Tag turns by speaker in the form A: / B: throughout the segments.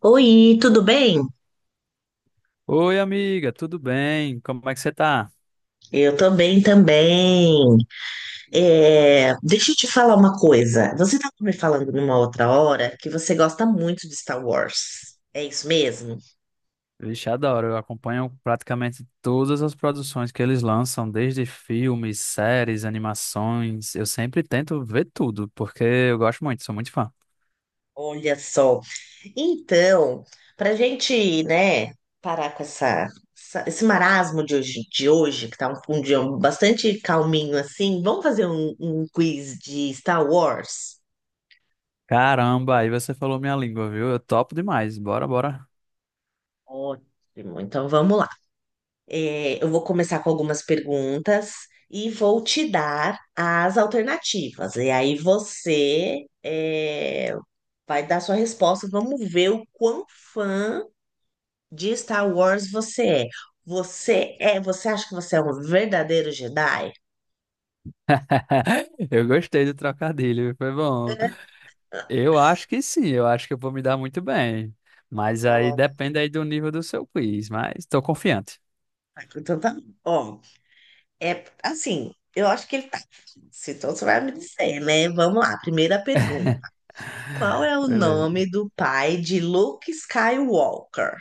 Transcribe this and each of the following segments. A: Oi, tudo bem?
B: Oi, amiga, tudo bem? Como é que você tá?
A: Eu tô bem também. É, deixa eu te falar uma coisa. Você estava me falando numa outra hora que você gosta muito de Star Wars. É isso mesmo?
B: Vixe, adoro. Eu acompanho praticamente todas as produções que eles lançam, desde filmes, séries, animações. Eu sempre tento ver tudo, porque eu gosto muito, sou muito fã.
A: Olha só. Então, para gente, né, parar com esse marasmo de hoje, que tá um dia bastante calminho assim, vamos fazer um quiz de Star Wars?
B: Caramba, aí você falou minha língua, viu? Eu topo demais. Bora, bora.
A: Ótimo. Então vamos lá. É, eu vou começar com algumas perguntas e vou te dar as alternativas. E aí vai dar sua resposta. Vamos ver o quão fã de Star Wars você é. Você acha que você é um verdadeiro Jedi?
B: Eu gostei do trocadilho, foi bom. Eu acho que sim, eu acho que eu vou me dar muito bem. Mas aí
A: Ela,
B: depende aí do nível do seu quiz, mas estou confiante.
A: Então tá bom. É assim, eu acho que ele tá. Se Então você vai me dizer, né? Vamos lá, primeira pergunta. Qual é o
B: Beleza.
A: nome do pai de Luke Skywalker?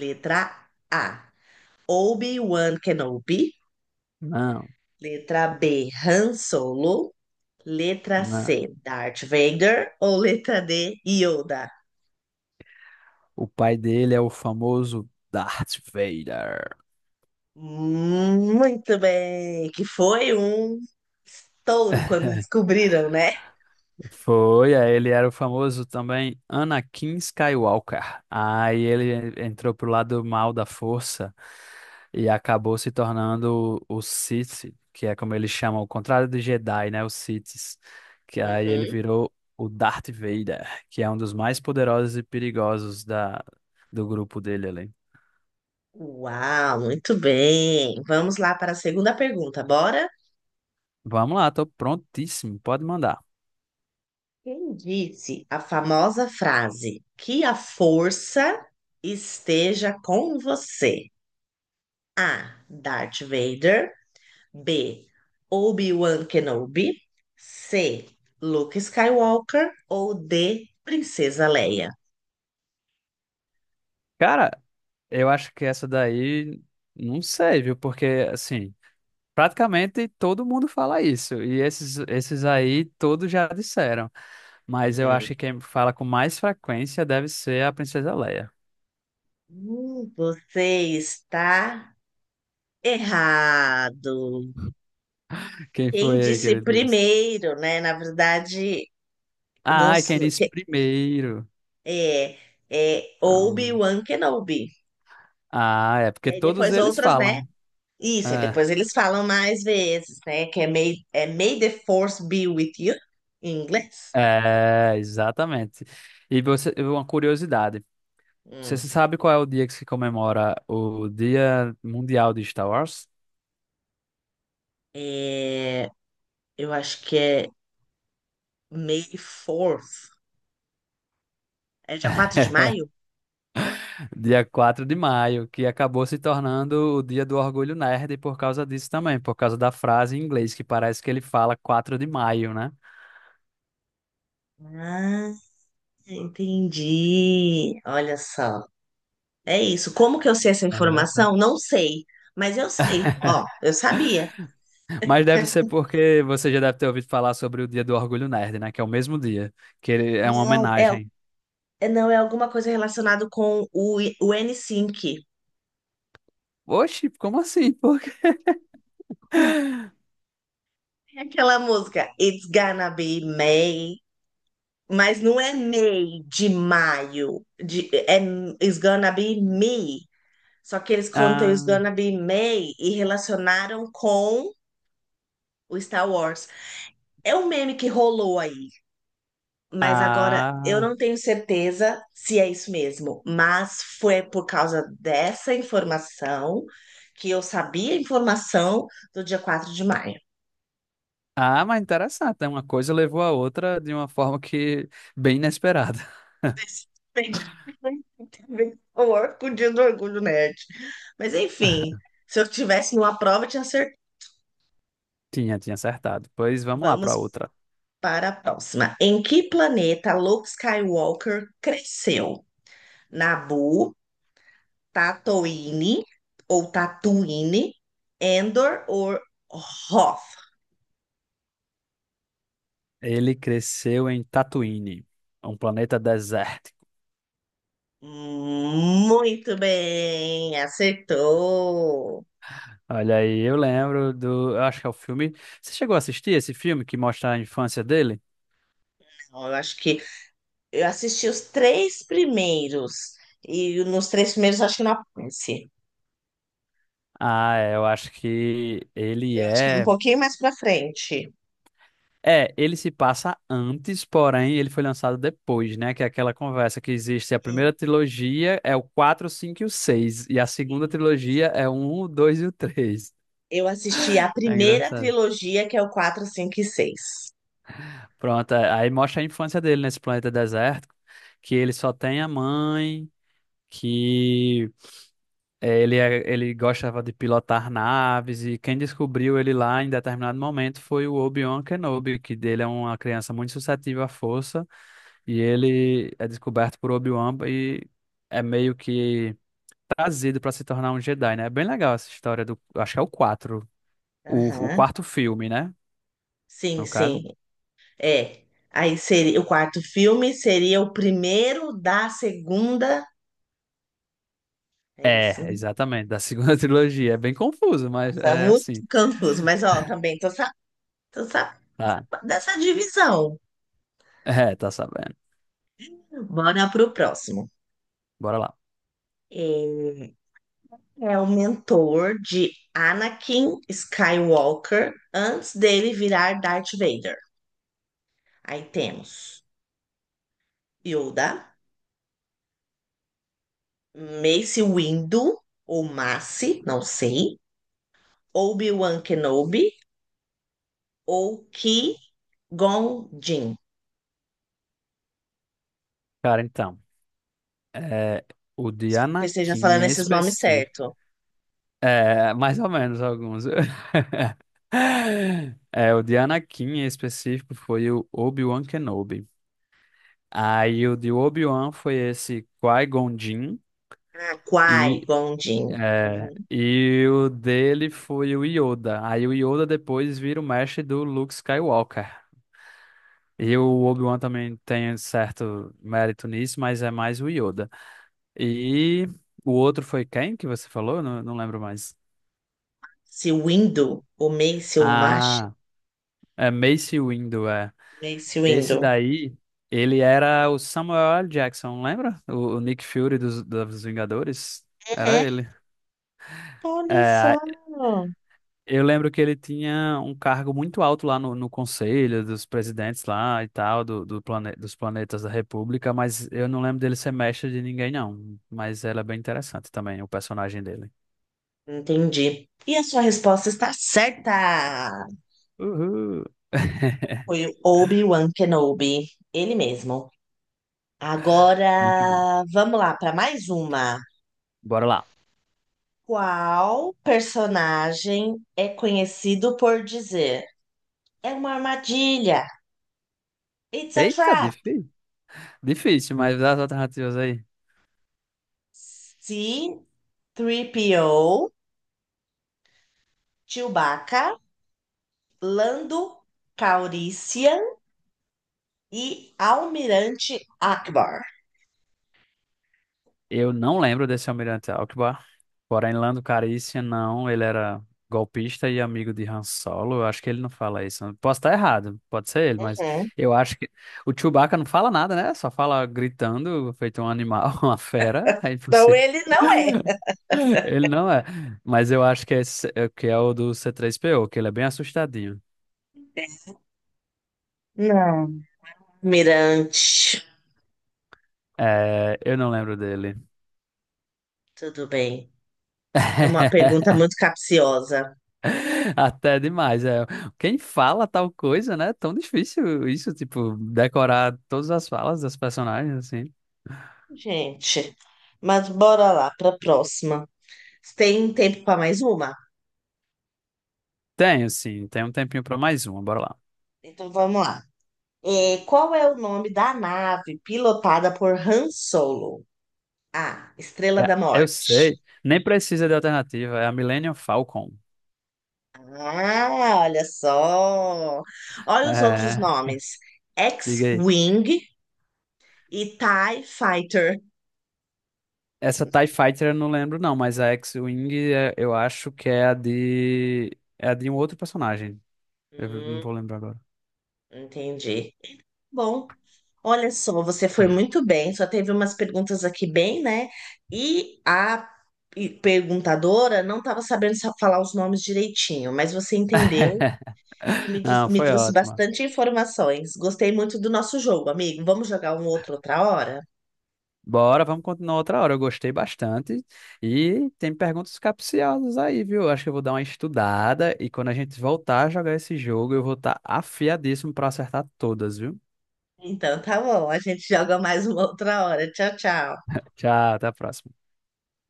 A: Letra A, Obi-Wan Kenobi.
B: Não,
A: Letra B, Han Solo. Letra
B: não.
A: C, Darth Vader. Ou letra D, Yoda?
B: O pai dele é o famoso Darth Vader.
A: Muito bem, que foi um estouro quando descobriram, né?
B: Foi, aí ele era o famoso também Anakin Skywalker. Aí ele entrou pro lado mal da força e acabou se tornando o Sith, que é como eles chamam, o contrário de Jedi, né? Os Siths. Que aí ele
A: Uhum.
B: virou o Darth Vader, que é um dos mais poderosos e perigosos do grupo dele ali.
A: Uau, muito bem. Vamos lá para a segunda pergunta, bora?
B: Vamos lá, tô prontíssimo, pode mandar.
A: Quem disse a famosa frase "que a força esteja com você"? A. Darth Vader. B. Obi-Wan Kenobi. C. Luke Skywalker. Ou D. Princesa Leia.
B: Cara. Eu acho que essa daí, não sei, viu? Porque, assim, praticamente todo mundo fala isso. E esses aí, todos já disseram. Mas eu acho
A: Uhum.
B: que quem fala com mais frequência deve ser a Princesa Leia.
A: Você está errado.
B: Quem
A: Quem
B: foi aí que
A: disse
B: ele disse?
A: primeiro, né? Na verdade, não,
B: Ah, e quem disse
A: que-
B: primeiro?
A: é, é
B: Ah,
A: Obi-Wan Kenobi.
B: é
A: E
B: porque
A: aí
B: todos
A: depois
B: eles
A: outras, né?
B: falam.
A: Isso, aí
B: É,
A: depois eles falam mais vezes, né? Que é May the Force be with you, em inglês.
B: é, exatamente. E você, uma curiosidade. Você
A: Hum.
B: sabe qual é o dia que se comemora o Dia Mundial de Star Wars?
A: É, eu acho que é May 4. É dia 4 de maio?
B: Dia 4 de maio, que acabou se tornando o dia do orgulho nerd por causa disso também, por causa da frase em inglês, que parece que ele fala 4 de maio, né?
A: Ah, entendi. Olha só. É isso. Como que eu sei essa
B: Interessante.
A: informação? Não sei, mas eu sei. Ó, eu sabia.
B: Mas deve ser porque você já deve ter ouvido falar sobre o dia do orgulho nerd, né? Que é o mesmo dia, que ele é uma
A: Não, é,
B: homenagem.
A: não é alguma coisa relacionada com o NSYNC.
B: Oxi, como assim? Por quê?
A: É aquela música It's Gonna Be May, mas não é May de maio, é It's Gonna Be Me. Só que eles cantam It's
B: Ah,
A: Gonna Be May e relacionaram com o Star Wars. É um meme que rolou aí, mas agora eu
B: ah,
A: não tenho certeza se é isso mesmo. Mas foi por causa dessa informação que eu sabia a informação do dia 4 de maio.
B: mas interessante, né? Uma coisa levou a outra de uma forma que bem inesperada.
A: Esse tem de ter a ver com com o dia do Orgulho Nerd. Mas enfim, se eu tivesse numa prova, eu tinha certeza.
B: Tinha acertado. Pois vamos lá
A: Vamos
B: para outra.
A: para a próxima. Em que planeta Luke Skywalker cresceu? Naboo, Tatooine ou Tatooine, Endor ou Hoth.
B: Ele cresceu em Tatooine, um planeta desértico.
A: Muito bem, acertou.
B: Olha aí, eu lembro do. Eu acho que é o filme. Você chegou a assistir esse filme que mostra a infância dele?
A: Então, eu acho que eu assisti os três primeiros e nos três primeiros eu acho que não aparece.
B: Ah, é, eu acho que ele
A: Eu acho que um
B: é.
A: pouquinho mais pra frente.
B: É, ele se passa antes, porém ele foi lançado depois, né? Que é aquela conversa que existe. A primeira trilogia é o 4, 5 e o 6. E a segunda trilogia é o 1, o 2 e o 3.
A: Eu assisti a
B: É
A: primeira
B: engraçado.
A: trilogia, que é o 4, 5 e 6.
B: Pronto, é, aí mostra a infância dele nesse planeta desértico que ele só tem a mãe que ele gostava de pilotar naves e quem descobriu ele lá em determinado momento foi o Obi-Wan Kenobi, que dele é uma criança muito suscetível à força e ele é descoberto por Obi-Wan e é meio que trazido para se tornar um Jedi, né? É bem legal essa história do, acho que é o
A: Aham.
B: quarto filme, né?
A: Sim,
B: No
A: sim.
B: caso.
A: É. Aí seria o quarto filme seria o primeiro da segunda. É isso,
B: É,
A: né?
B: exatamente, da segunda trilogia. É bem confuso, mas
A: Nossa, é
B: é
A: muito
B: assim.
A: confuso. Mas ó, também tô sa...
B: Tá.
A: dessa divisão.
B: É, tá sabendo.
A: Bora pro próximo.
B: Bora lá.
A: Ele é o mentor de Anakin Skywalker antes dele virar Darth Vader. Aí temos Yoda, Mace Windu ou Mace, não sei, Obi-Wan Kenobi ou Qui-Gon Jinn.
B: Cara, então. É, o de
A: Que eu esteja
B: Anakin
A: falando
B: em
A: esses nomes
B: específico.
A: certo.
B: É, mais ou menos alguns. É, o de Anakin em específico foi o Obi-Wan Kenobi. Aí o de Obi-Wan foi esse Qui-Gon Jinn.
A: Ah,
B: E,
A: Kwai, Gondin.
B: é,
A: Uhum.
B: e o dele foi o Yoda. Aí o Yoda depois vira o mestre do Luke Skywalker. E o Obi-Wan também tem certo mérito nisso, mas é mais o Yoda. E o outro foi quem que você falou? Não, não lembro mais.
A: Se Windu, o Mace, o Mash,
B: Ah, é Mace Windu, é.
A: Mace
B: Esse
A: Windu.
B: daí, ele era o Samuel L. Jackson, lembra? O Nick Fury dos Vingadores? Era
A: Uhum.
B: ele.
A: Olha
B: É,
A: só.
B: eu lembro que ele tinha um cargo muito alto lá no conselho dos presidentes lá e tal, dos planetas da República, mas eu não lembro dele ser mestre de ninguém, não. Mas ela é bem interessante também, o personagem dele.
A: Entendi. E a sua resposta está certa.
B: Uhul!
A: Foi o Obi-Wan Kenobi, ele mesmo.
B: Muito bom.
A: Agora, vamos lá para mais uma.
B: Bora lá.
A: Qual personagem é conhecido por dizer "é uma armadilha"? It's a
B: Eita,
A: trap.
B: difícil. Difícil, mas dá as alternativas aí.
A: Se três P O, Chewbacca, Lando Calrissian e Almirante Akbar.
B: Eu não lembro desse almirante Alckbar, porém Lando Calrissian não, ele era golpista e amigo de Han Solo, eu acho que ele não fala isso. Posso estar errado, pode ser ele, mas
A: Uhum.
B: eu acho que o Chewbacca não fala nada, né? Só fala gritando, feito um animal, uma fera, é
A: Então
B: impossível.
A: ele não é.
B: Ele não é, mas eu acho que é o do C3PO, que ele é bem assustadinho.
A: Não. Almirante,
B: É, eu não lembro dele.
A: tudo bem. É uma pergunta muito capciosa.
B: Até demais, é. Quem fala tal coisa, né? É tão difícil isso, tipo, decorar todas as falas das personagens, assim.
A: Gente, mas bora lá para a próxima. Você tem tempo para mais uma?
B: Tenho, sim, tem um tempinho pra mais uma, bora lá.
A: Então vamos lá. É, qual é o nome da nave pilotada por Han Solo? A. Estrela
B: É,
A: da
B: eu
A: Morte.
B: sei, nem precisa de alternativa, é a Millennium Falcon.
A: Ah, olha só. Olha os outros
B: É,
A: nomes:
B: diga aí.
A: X-Wing e TIE Fighter.
B: Essa TIE Fighter eu não lembro, não, mas a X-Wing eu acho que é a de. É a de um outro personagem. Eu não
A: Hum,
B: vou lembrar agora.
A: Entendi. Bom, olha só, você foi muito bem. Só teve umas perguntas aqui bem, né? E a perguntadora não estava sabendo falar os nomes direitinho, mas você entendeu e me, dis-
B: Não,
A: me
B: foi
A: trouxe
B: ótimo.
A: bastante informações. Gostei muito do nosso jogo, amigo. Vamos jogar um outro outra hora?
B: Bora, vamos continuar outra hora. Eu gostei bastante. E tem perguntas capciosas aí, viu? Acho que eu vou dar uma estudada e quando a gente voltar a jogar esse jogo, eu vou estar afiadíssimo para acertar todas, viu?
A: Então, tá bom. A gente joga mais uma outra hora. Tchau, tchau.
B: Tchau, até a próxima.